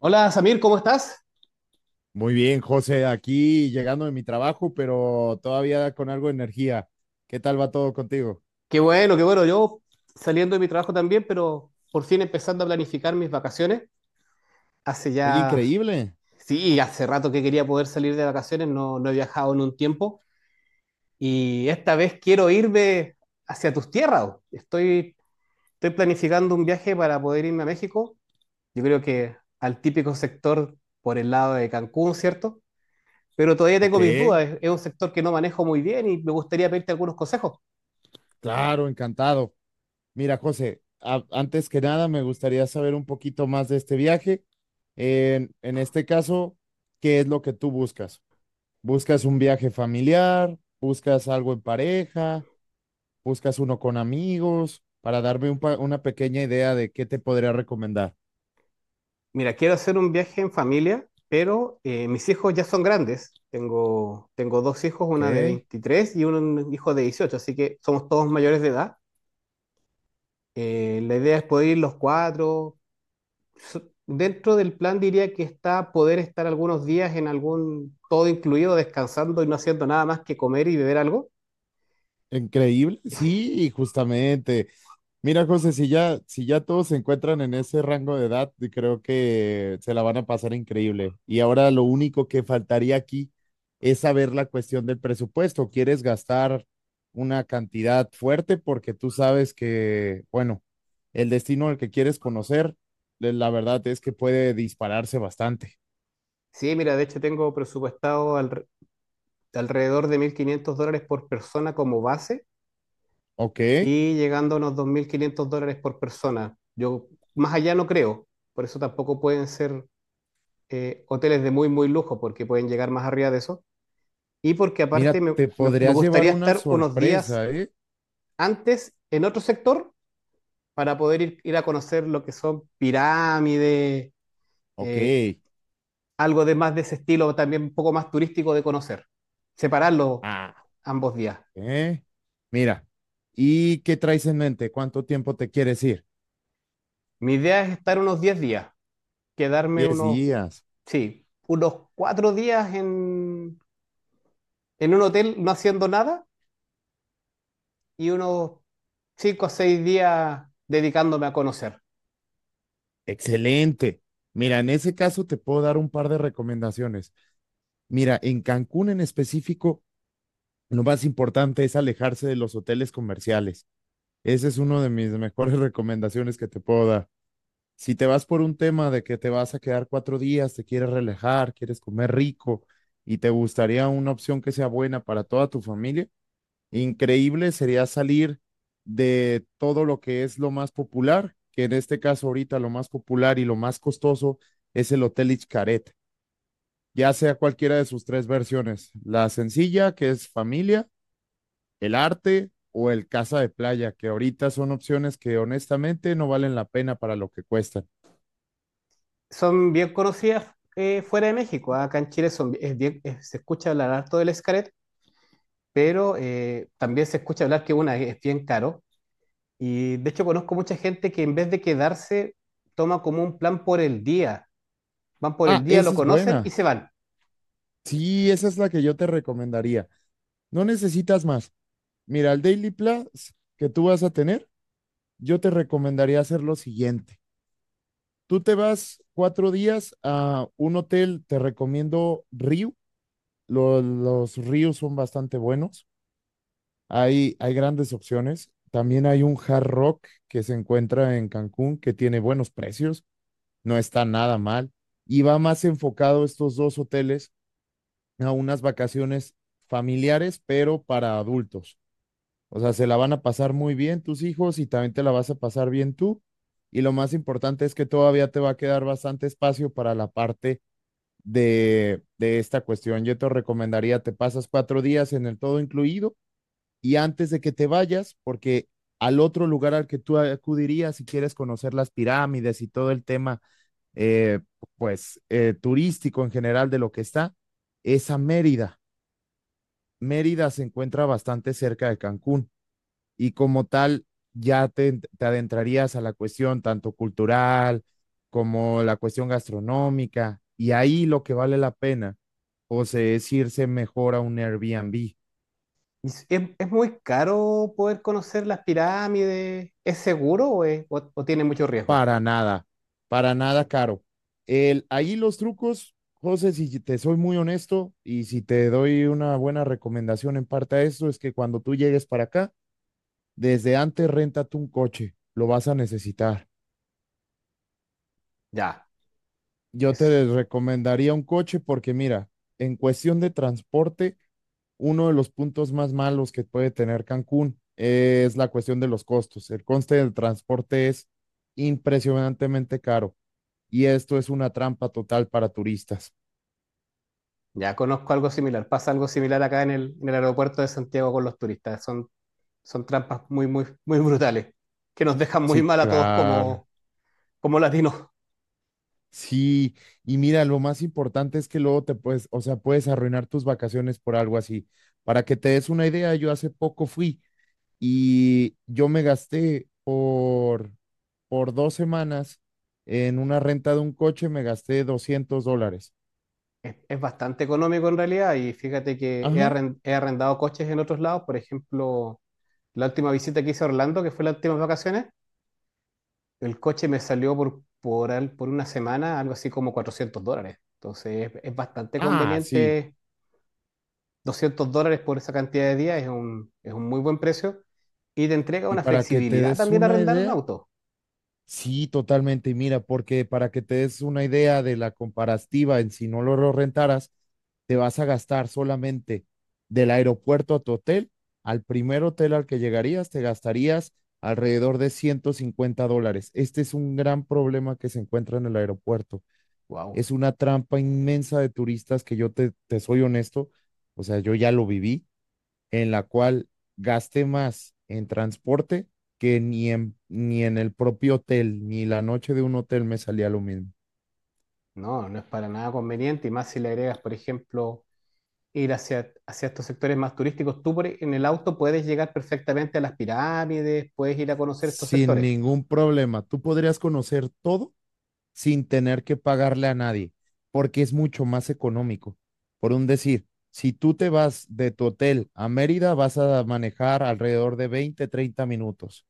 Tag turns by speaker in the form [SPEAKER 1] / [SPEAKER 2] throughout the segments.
[SPEAKER 1] Hola Samir, ¿cómo estás?
[SPEAKER 2] Muy bien, José, aquí llegando de mi trabajo, pero todavía con algo de energía. ¿Qué tal va todo contigo?
[SPEAKER 1] Qué bueno, qué bueno. Yo saliendo de mi trabajo también, pero por fin empezando a planificar mis vacaciones. Hace
[SPEAKER 2] Oye,
[SPEAKER 1] ya,
[SPEAKER 2] increíble.
[SPEAKER 1] sí, hace rato que quería poder salir de vacaciones, no, no he viajado en un tiempo y esta vez quiero irme hacia tus tierras. Estoy planificando un viaje para poder irme a México. Yo creo que al típico sector por el lado de Cancún, ¿cierto? Pero todavía
[SPEAKER 2] Ok,
[SPEAKER 1] tengo mis dudas. Es un sector que no manejo muy bien y me gustaría pedirte algunos consejos.
[SPEAKER 2] claro, encantado. Mira, José, antes que nada me gustaría saber un poquito más de este viaje. En este caso, ¿qué es lo que tú buscas? ¿Buscas un viaje familiar? ¿Buscas algo en pareja? ¿Buscas uno con amigos? Para darme una pequeña idea de qué te podría recomendar.
[SPEAKER 1] Mira, quiero hacer un viaje en familia, pero mis hijos ya son grandes. Tengo dos hijos,
[SPEAKER 2] Ok.
[SPEAKER 1] una de 23 y un hijo de 18, así que somos todos mayores de edad. La idea es poder ir los cuatro. So- Dentro del plan diría que está poder estar algunos días en algún todo incluido, descansando y no haciendo nada más que comer y beber algo.
[SPEAKER 2] Increíble, sí, justamente. Mira, José, si ya todos se encuentran en ese rango de edad, y creo que se la van a pasar increíble. Y ahora lo único que faltaría aquí es saber la cuestión del presupuesto. ¿Quieres gastar una cantidad fuerte? Porque tú sabes que, bueno, el destino al que quieres conocer, la verdad es que puede dispararse bastante.
[SPEAKER 1] Sí, mira, de hecho tengo presupuestado alrededor de 1.500 dólares por persona como base
[SPEAKER 2] Ok,
[SPEAKER 1] y llegando a unos 2.500 dólares por persona. Yo más allá no creo, por eso tampoco pueden ser hoteles de muy lujo, porque pueden llegar más arriba de eso. Y porque aparte
[SPEAKER 2] mira, te
[SPEAKER 1] me
[SPEAKER 2] podrías llevar
[SPEAKER 1] gustaría
[SPEAKER 2] una
[SPEAKER 1] estar unos días
[SPEAKER 2] sorpresa, ¿eh?
[SPEAKER 1] antes en otro sector para poder ir a conocer lo que son pirámides,
[SPEAKER 2] Ok.
[SPEAKER 1] eh, algo de más de ese estilo, también un poco más turístico de conocer. Separarlo
[SPEAKER 2] Ah,
[SPEAKER 1] ambos días.
[SPEAKER 2] Eh, mira, ¿y qué traes en mente? ¿Cuánto tiempo te quieres ir?
[SPEAKER 1] Mi idea es estar unos 10 días, quedarme
[SPEAKER 2] Diez
[SPEAKER 1] unos
[SPEAKER 2] días.
[SPEAKER 1] sí, unos 4 días en un hotel no haciendo nada y unos 5 o 6 días dedicándome a conocer.
[SPEAKER 2] Excelente. Mira, en ese caso te puedo dar un par de recomendaciones. Mira, en Cancún en específico, lo más importante es alejarse de los hoteles comerciales. Esa es una de mis mejores recomendaciones que te puedo dar. Si te vas por un tema de que te vas a quedar 4 días, te quieres relajar, quieres comer rico y te gustaría una opción que sea buena para toda tu familia, increíble sería salir de todo lo que es lo más popular, que en este caso ahorita lo más popular y lo más costoso es el Hotel Xcaret, ya sea cualquiera de sus tres versiones, la sencilla, que es familia, el arte o el casa de playa, que ahorita son opciones que honestamente no valen la pena para lo que cuestan.
[SPEAKER 1] Son bien conocidas fuera de México. Acá en Chile son, se escucha hablar harto del Xcaret, pero también se escucha hablar que una es bien caro. Y de hecho conozco mucha gente que en vez de quedarse, toma como un plan por el día. Van por el
[SPEAKER 2] Ah,
[SPEAKER 1] día,
[SPEAKER 2] esa
[SPEAKER 1] lo
[SPEAKER 2] es
[SPEAKER 1] conocen y
[SPEAKER 2] buena.
[SPEAKER 1] se van.
[SPEAKER 2] Sí, esa es la que yo te recomendaría. No necesitas más. Mira, el Daily Plus que tú vas a tener, yo te recomendaría hacer lo siguiente. Tú te vas 4 días a un hotel, te recomiendo Ryu. Los Ryu son bastante buenos. Hay grandes opciones. También hay un Hard Rock que se encuentra en Cancún que tiene buenos precios, no está nada mal. Y va más enfocado estos dos hoteles a unas vacaciones familiares, pero para adultos. O sea, se la van a pasar muy bien tus hijos y también te la vas a pasar bien tú. Y lo más importante es que todavía te va a quedar bastante espacio para la parte de esta cuestión. Yo te recomendaría, te pasas 4 días en el todo incluido y antes de que te vayas, porque al otro lugar al que tú acudirías si quieres conocer las pirámides y todo el tema, eh, pues, turístico en general de lo que está, es a Mérida. Mérida se encuentra bastante cerca de Cancún y como tal ya te adentrarías a la cuestión tanto cultural como la cuestión gastronómica y ahí lo que vale la pena pues es irse mejor a un Airbnb.
[SPEAKER 1] Es muy caro poder conocer las pirámides? ¿Es seguro o tiene mucho riesgo?
[SPEAKER 2] Para nada, para nada caro. El, ahí los trucos, José, si te soy muy honesto y si te doy una buena recomendación en parte a esto, es que cuando tú llegues para acá, desde antes renta tú un coche, lo vas a necesitar.
[SPEAKER 1] Ya,
[SPEAKER 2] Yo te
[SPEAKER 1] es,
[SPEAKER 2] recomendaría un coche porque mira, en cuestión de transporte, uno de los puntos más malos que puede tener Cancún es la cuestión de los costos. El coste del transporte es impresionantemente caro y esto es una trampa total para turistas.
[SPEAKER 1] ya conozco algo similar. Pasa algo similar acá en en el aeropuerto de Santiago con los turistas. Son, son trampas muy brutales que nos dejan muy
[SPEAKER 2] Sí,
[SPEAKER 1] mal a todos
[SPEAKER 2] claro.
[SPEAKER 1] como, como latinos.
[SPEAKER 2] Sí, y mira, lo más importante es que luego te puedes, o sea, puedes arruinar tus vacaciones por algo así. Para que te des una idea, yo hace poco fui y yo me gasté por 2 semanas en una renta de un coche, me gasté $200.
[SPEAKER 1] Es bastante económico en realidad y fíjate que
[SPEAKER 2] Ajá.
[SPEAKER 1] he arrendado coches en otros lados. Por ejemplo, la última visita que hice a Orlando, que fue las últimas vacaciones, el coche me salió por una semana algo así como 400 dólares. Entonces es bastante
[SPEAKER 2] Ah, sí.
[SPEAKER 1] conveniente. 200 dólares por esa cantidad de días es un muy buen precio. Y te entrega
[SPEAKER 2] Y
[SPEAKER 1] una
[SPEAKER 2] para que te
[SPEAKER 1] flexibilidad
[SPEAKER 2] des
[SPEAKER 1] también
[SPEAKER 2] una
[SPEAKER 1] arrendar un
[SPEAKER 2] idea,
[SPEAKER 1] auto.
[SPEAKER 2] sí, totalmente. Y mira, porque para que te des una idea de la comparativa en si no lo rentaras, te vas a gastar solamente del aeropuerto a tu hotel, al primer hotel al que llegarías, te gastarías alrededor de $150. Este es un gran problema que se encuentra en el aeropuerto.
[SPEAKER 1] Wow.
[SPEAKER 2] Es una trampa inmensa de turistas que yo te soy honesto, o sea, yo ya lo viví, en la cual gasté más en transporte que ni en el propio hotel, ni la noche de un hotel me salía lo mismo.
[SPEAKER 1] No, no es para nada conveniente. Y más si le agregas, por ejemplo, ir hacia estos sectores más turísticos. En el auto puedes llegar perfectamente a las pirámides, puedes ir a conocer estos
[SPEAKER 2] Sin
[SPEAKER 1] sectores.
[SPEAKER 2] ningún problema, tú podrías conocer todo sin tener que pagarle a nadie, porque es mucho más económico. Por un decir, si tú te vas de tu hotel a Mérida, vas a manejar alrededor de 20, 30 minutos.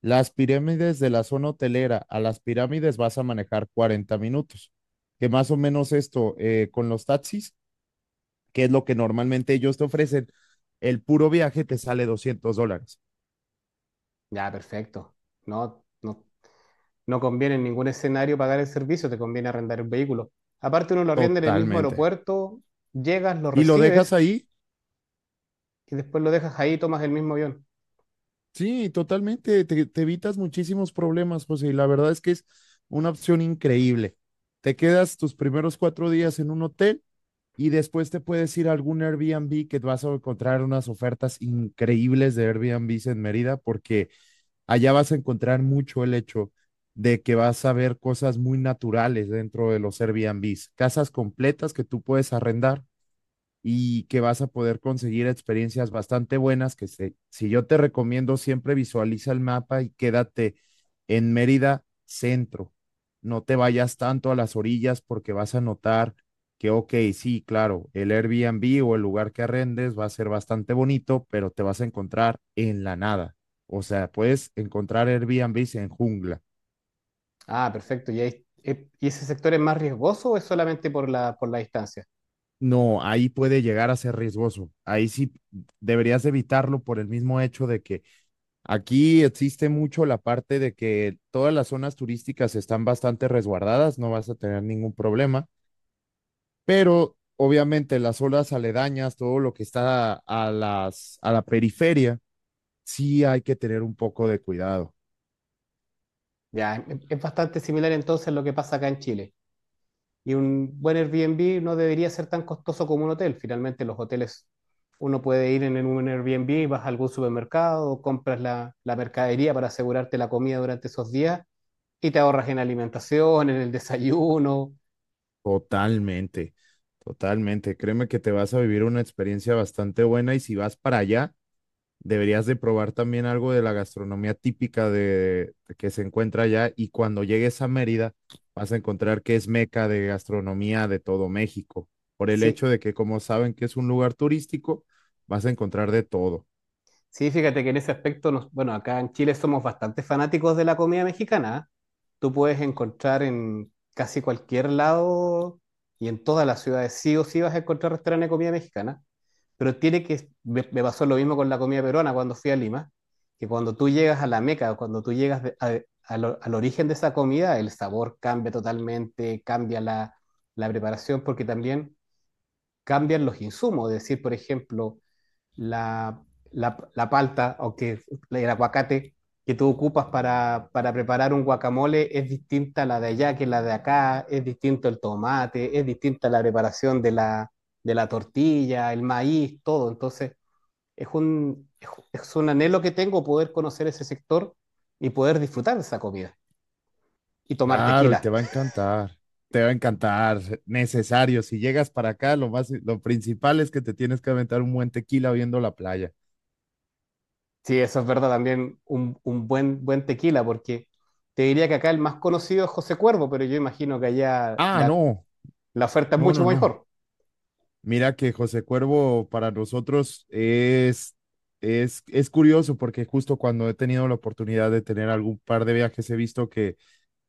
[SPEAKER 2] Las pirámides de la zona hotelera a las pirámides vas a manejar 40 minutos, que más o menos esto con los taxis, que es lo que normalmente ellos te ofrecen, el puro viaje te sale $200.
[SPEAKER 1] Ya, perfecto. No, no, no conviene en ningún escenario pagar el servicio, te conviene arrendar el vehículo. Aparte, uno lo arrienda en el mismo
[SPEAKER 2] Totalmente.
[SPEAKER 1] aeropuerto, llegas, lo
[SPEAKER 2] Y lo dejas
[SPEAKER 1] recibes
[SPEAKER 2] ahí,
[SPEAKER 1] y después lo dejas ahí y tomas el mismo avión.
[SPEAKER 2] sí, totalmente. Te evitas muchísimos problemas, José, y la verdad es que es una opción increíble. Te quedas tus primeros 4 días en un hotel. Y después te puedes ir a algún Airbnb que vas a encontrar unas ofertas increíbles de Airbnb en Mérida, porque allá vas a encontrar mucho el hecho de que vas a ver cosas muy naturales dentro de los Airbnbs, casas completas que tú puedes arrendar y que vas a poder conseguir experiencias bastante buenas, que se, si yo te recomiendo, siempre visualiza el mapa y quédate en Mérida centro. No te vayas tanto a las orillas porque vas a notar que, ok, sí, claro, el Airbnb o el lugar que arrendes va a ser bastante bonito, pero te vas a encontrar en la nada. O sea, puedes encontrar Airbnbs en jungla.
[SPEAKER 1] Ah, perfecto. ¿Y ese sector es más riesgoso o es solamente por por la distancia?
[SPEAKER 2] No, ahí puede llegar a ser riesgoso. Ahí sí deberías evitarlo por el mismo hecho de que aquí existe mucho la parte de que todas las zonas turísticas están bastante resguardadas, no vas a tener ningún problema, pero obviamente las zonas aledañas, todo lo que está a la periferia, sí hay que tener un poco de cuidado.
[SPEAKER 1] Es bastante similar entonces a lo que pasa acá en Chile. Y un buen Airbnb no debería ser tan costoso como un hotel. Finalmente, los hoteles, uno puede ir en un Airbnb, vas a algún supermercado, compras la mercadería para asegurarte la comida durante esos días y te ahorras en alimentación, en el desayuno.
[SPEAKER 2] Totalmente, totalmente. Créeme que te vas a vivir una experiencia bastante buena y si vas para allá, deberías de probar también algo de la gastronomía típica de, que se encuentra allá y cuando llegues a Mérida vas a encontrar que es meca de gastronomía de todo México, por el hecho
[SPEAKER 1] Sí,
[SPEAKER 2] de que como saben que es un lugar turístico, vas a encontrar de todo.
[SPEAKER 1] sí, fíjate que en ese aspecto, nos, bueno, acá en Chile somos bastante fanáticos de la comida mexicana. Tú puedes encontrar en casi cualquier lado y en todas las ciudades sí o sí vas a encontrar restaurantes de comida mexicana. Pero tiene que, me pasó lo mismo con la comida peruana cuando fui a Lima, que cuando tú llegas a la Meca, cuando tú llegas de- a lo- al origen de esa comida, el sabor cambia totalmente, cambia la preparación, porque también cambian los insumos, es decir, por ejemplo, la, la palta, aunque el aguacate que tú ocupas preparar un guacamole es distinta a la de allá que la de acá, es distinto el tomate, es distinta la preparación de de la tortilla, el maíz, todo. Entonces, es un, es un anhelo que tengo poder conocer ese sector y poder disfrutar de esa comida y tomar
[SPEAKER 2] Claro, y te
[SPEAKER 1] tequila.
[SPEAKER 2] va a encantar. Te va a encantar, necesario. Si llegas para acá, lo más, lo principal es que te tienes que aventar un buen tequila viendo la playa.
[SPEAKER 1] Sí, eso es verdad, también un buen tequila, porque te diría que acá el más conocido es José Cuervo, pero yo imagino que allá
[SPEAKER 2] Ah, no,
[SPEAKER 1] la oferta es
[SPEAKER 2] no,
[SPEAKER 1] mucho
[SPEAKER 2] no, no.
[SPEAKER 1] mejor.
[SPEAKER 2] Mira que José Cuervo para nosotros es, es curioso porque justo cuando he tenido la oportunidad de tener algún par de viajes he visto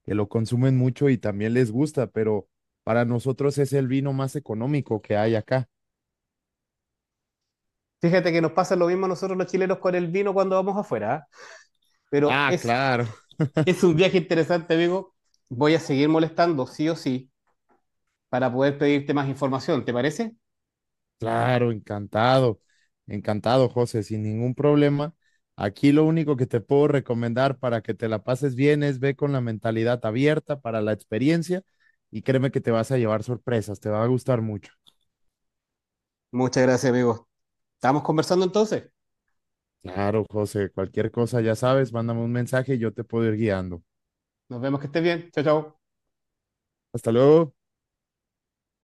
[SPEAKER 2] que lo consumen mucho y también les gusta, pero para nosotros es el vino más económico que hay acá.
[SPEAKER 1] Fíjate que nos pasa lo mismo a nosotros los chilenos con el vino cuando vamos afuera, ¿ah? Pero
[SPEAKER 2] Ah, claro.
[SPEAKER 1] es un viaje interesante, amigo. Voy a seguir molestando, sí o sí, para poder pedirte más información, ¿te parece?
[SPEAKER 2] Claro, encantado, encantado, José, sin ningún problema. Aquí lo único que te puedo recomendar para que te la pases bien es ve con la mentalidad abierta para la experiencia y créeme que te vas a llevar sorpresas, te va a gustar mucho.
[SPEAKER 1] Muchas gracias, amigo. Estamos conversando entonces.
[SPEAKER 2] Claro, José, cualquier cosa, ya sabes, mándame un mensaje y yo te puedo ir guiando.
[SPEAKER 1] Nos vemos que estés bien. Chao, chao.
[SPEAKER 2] Hasta luego.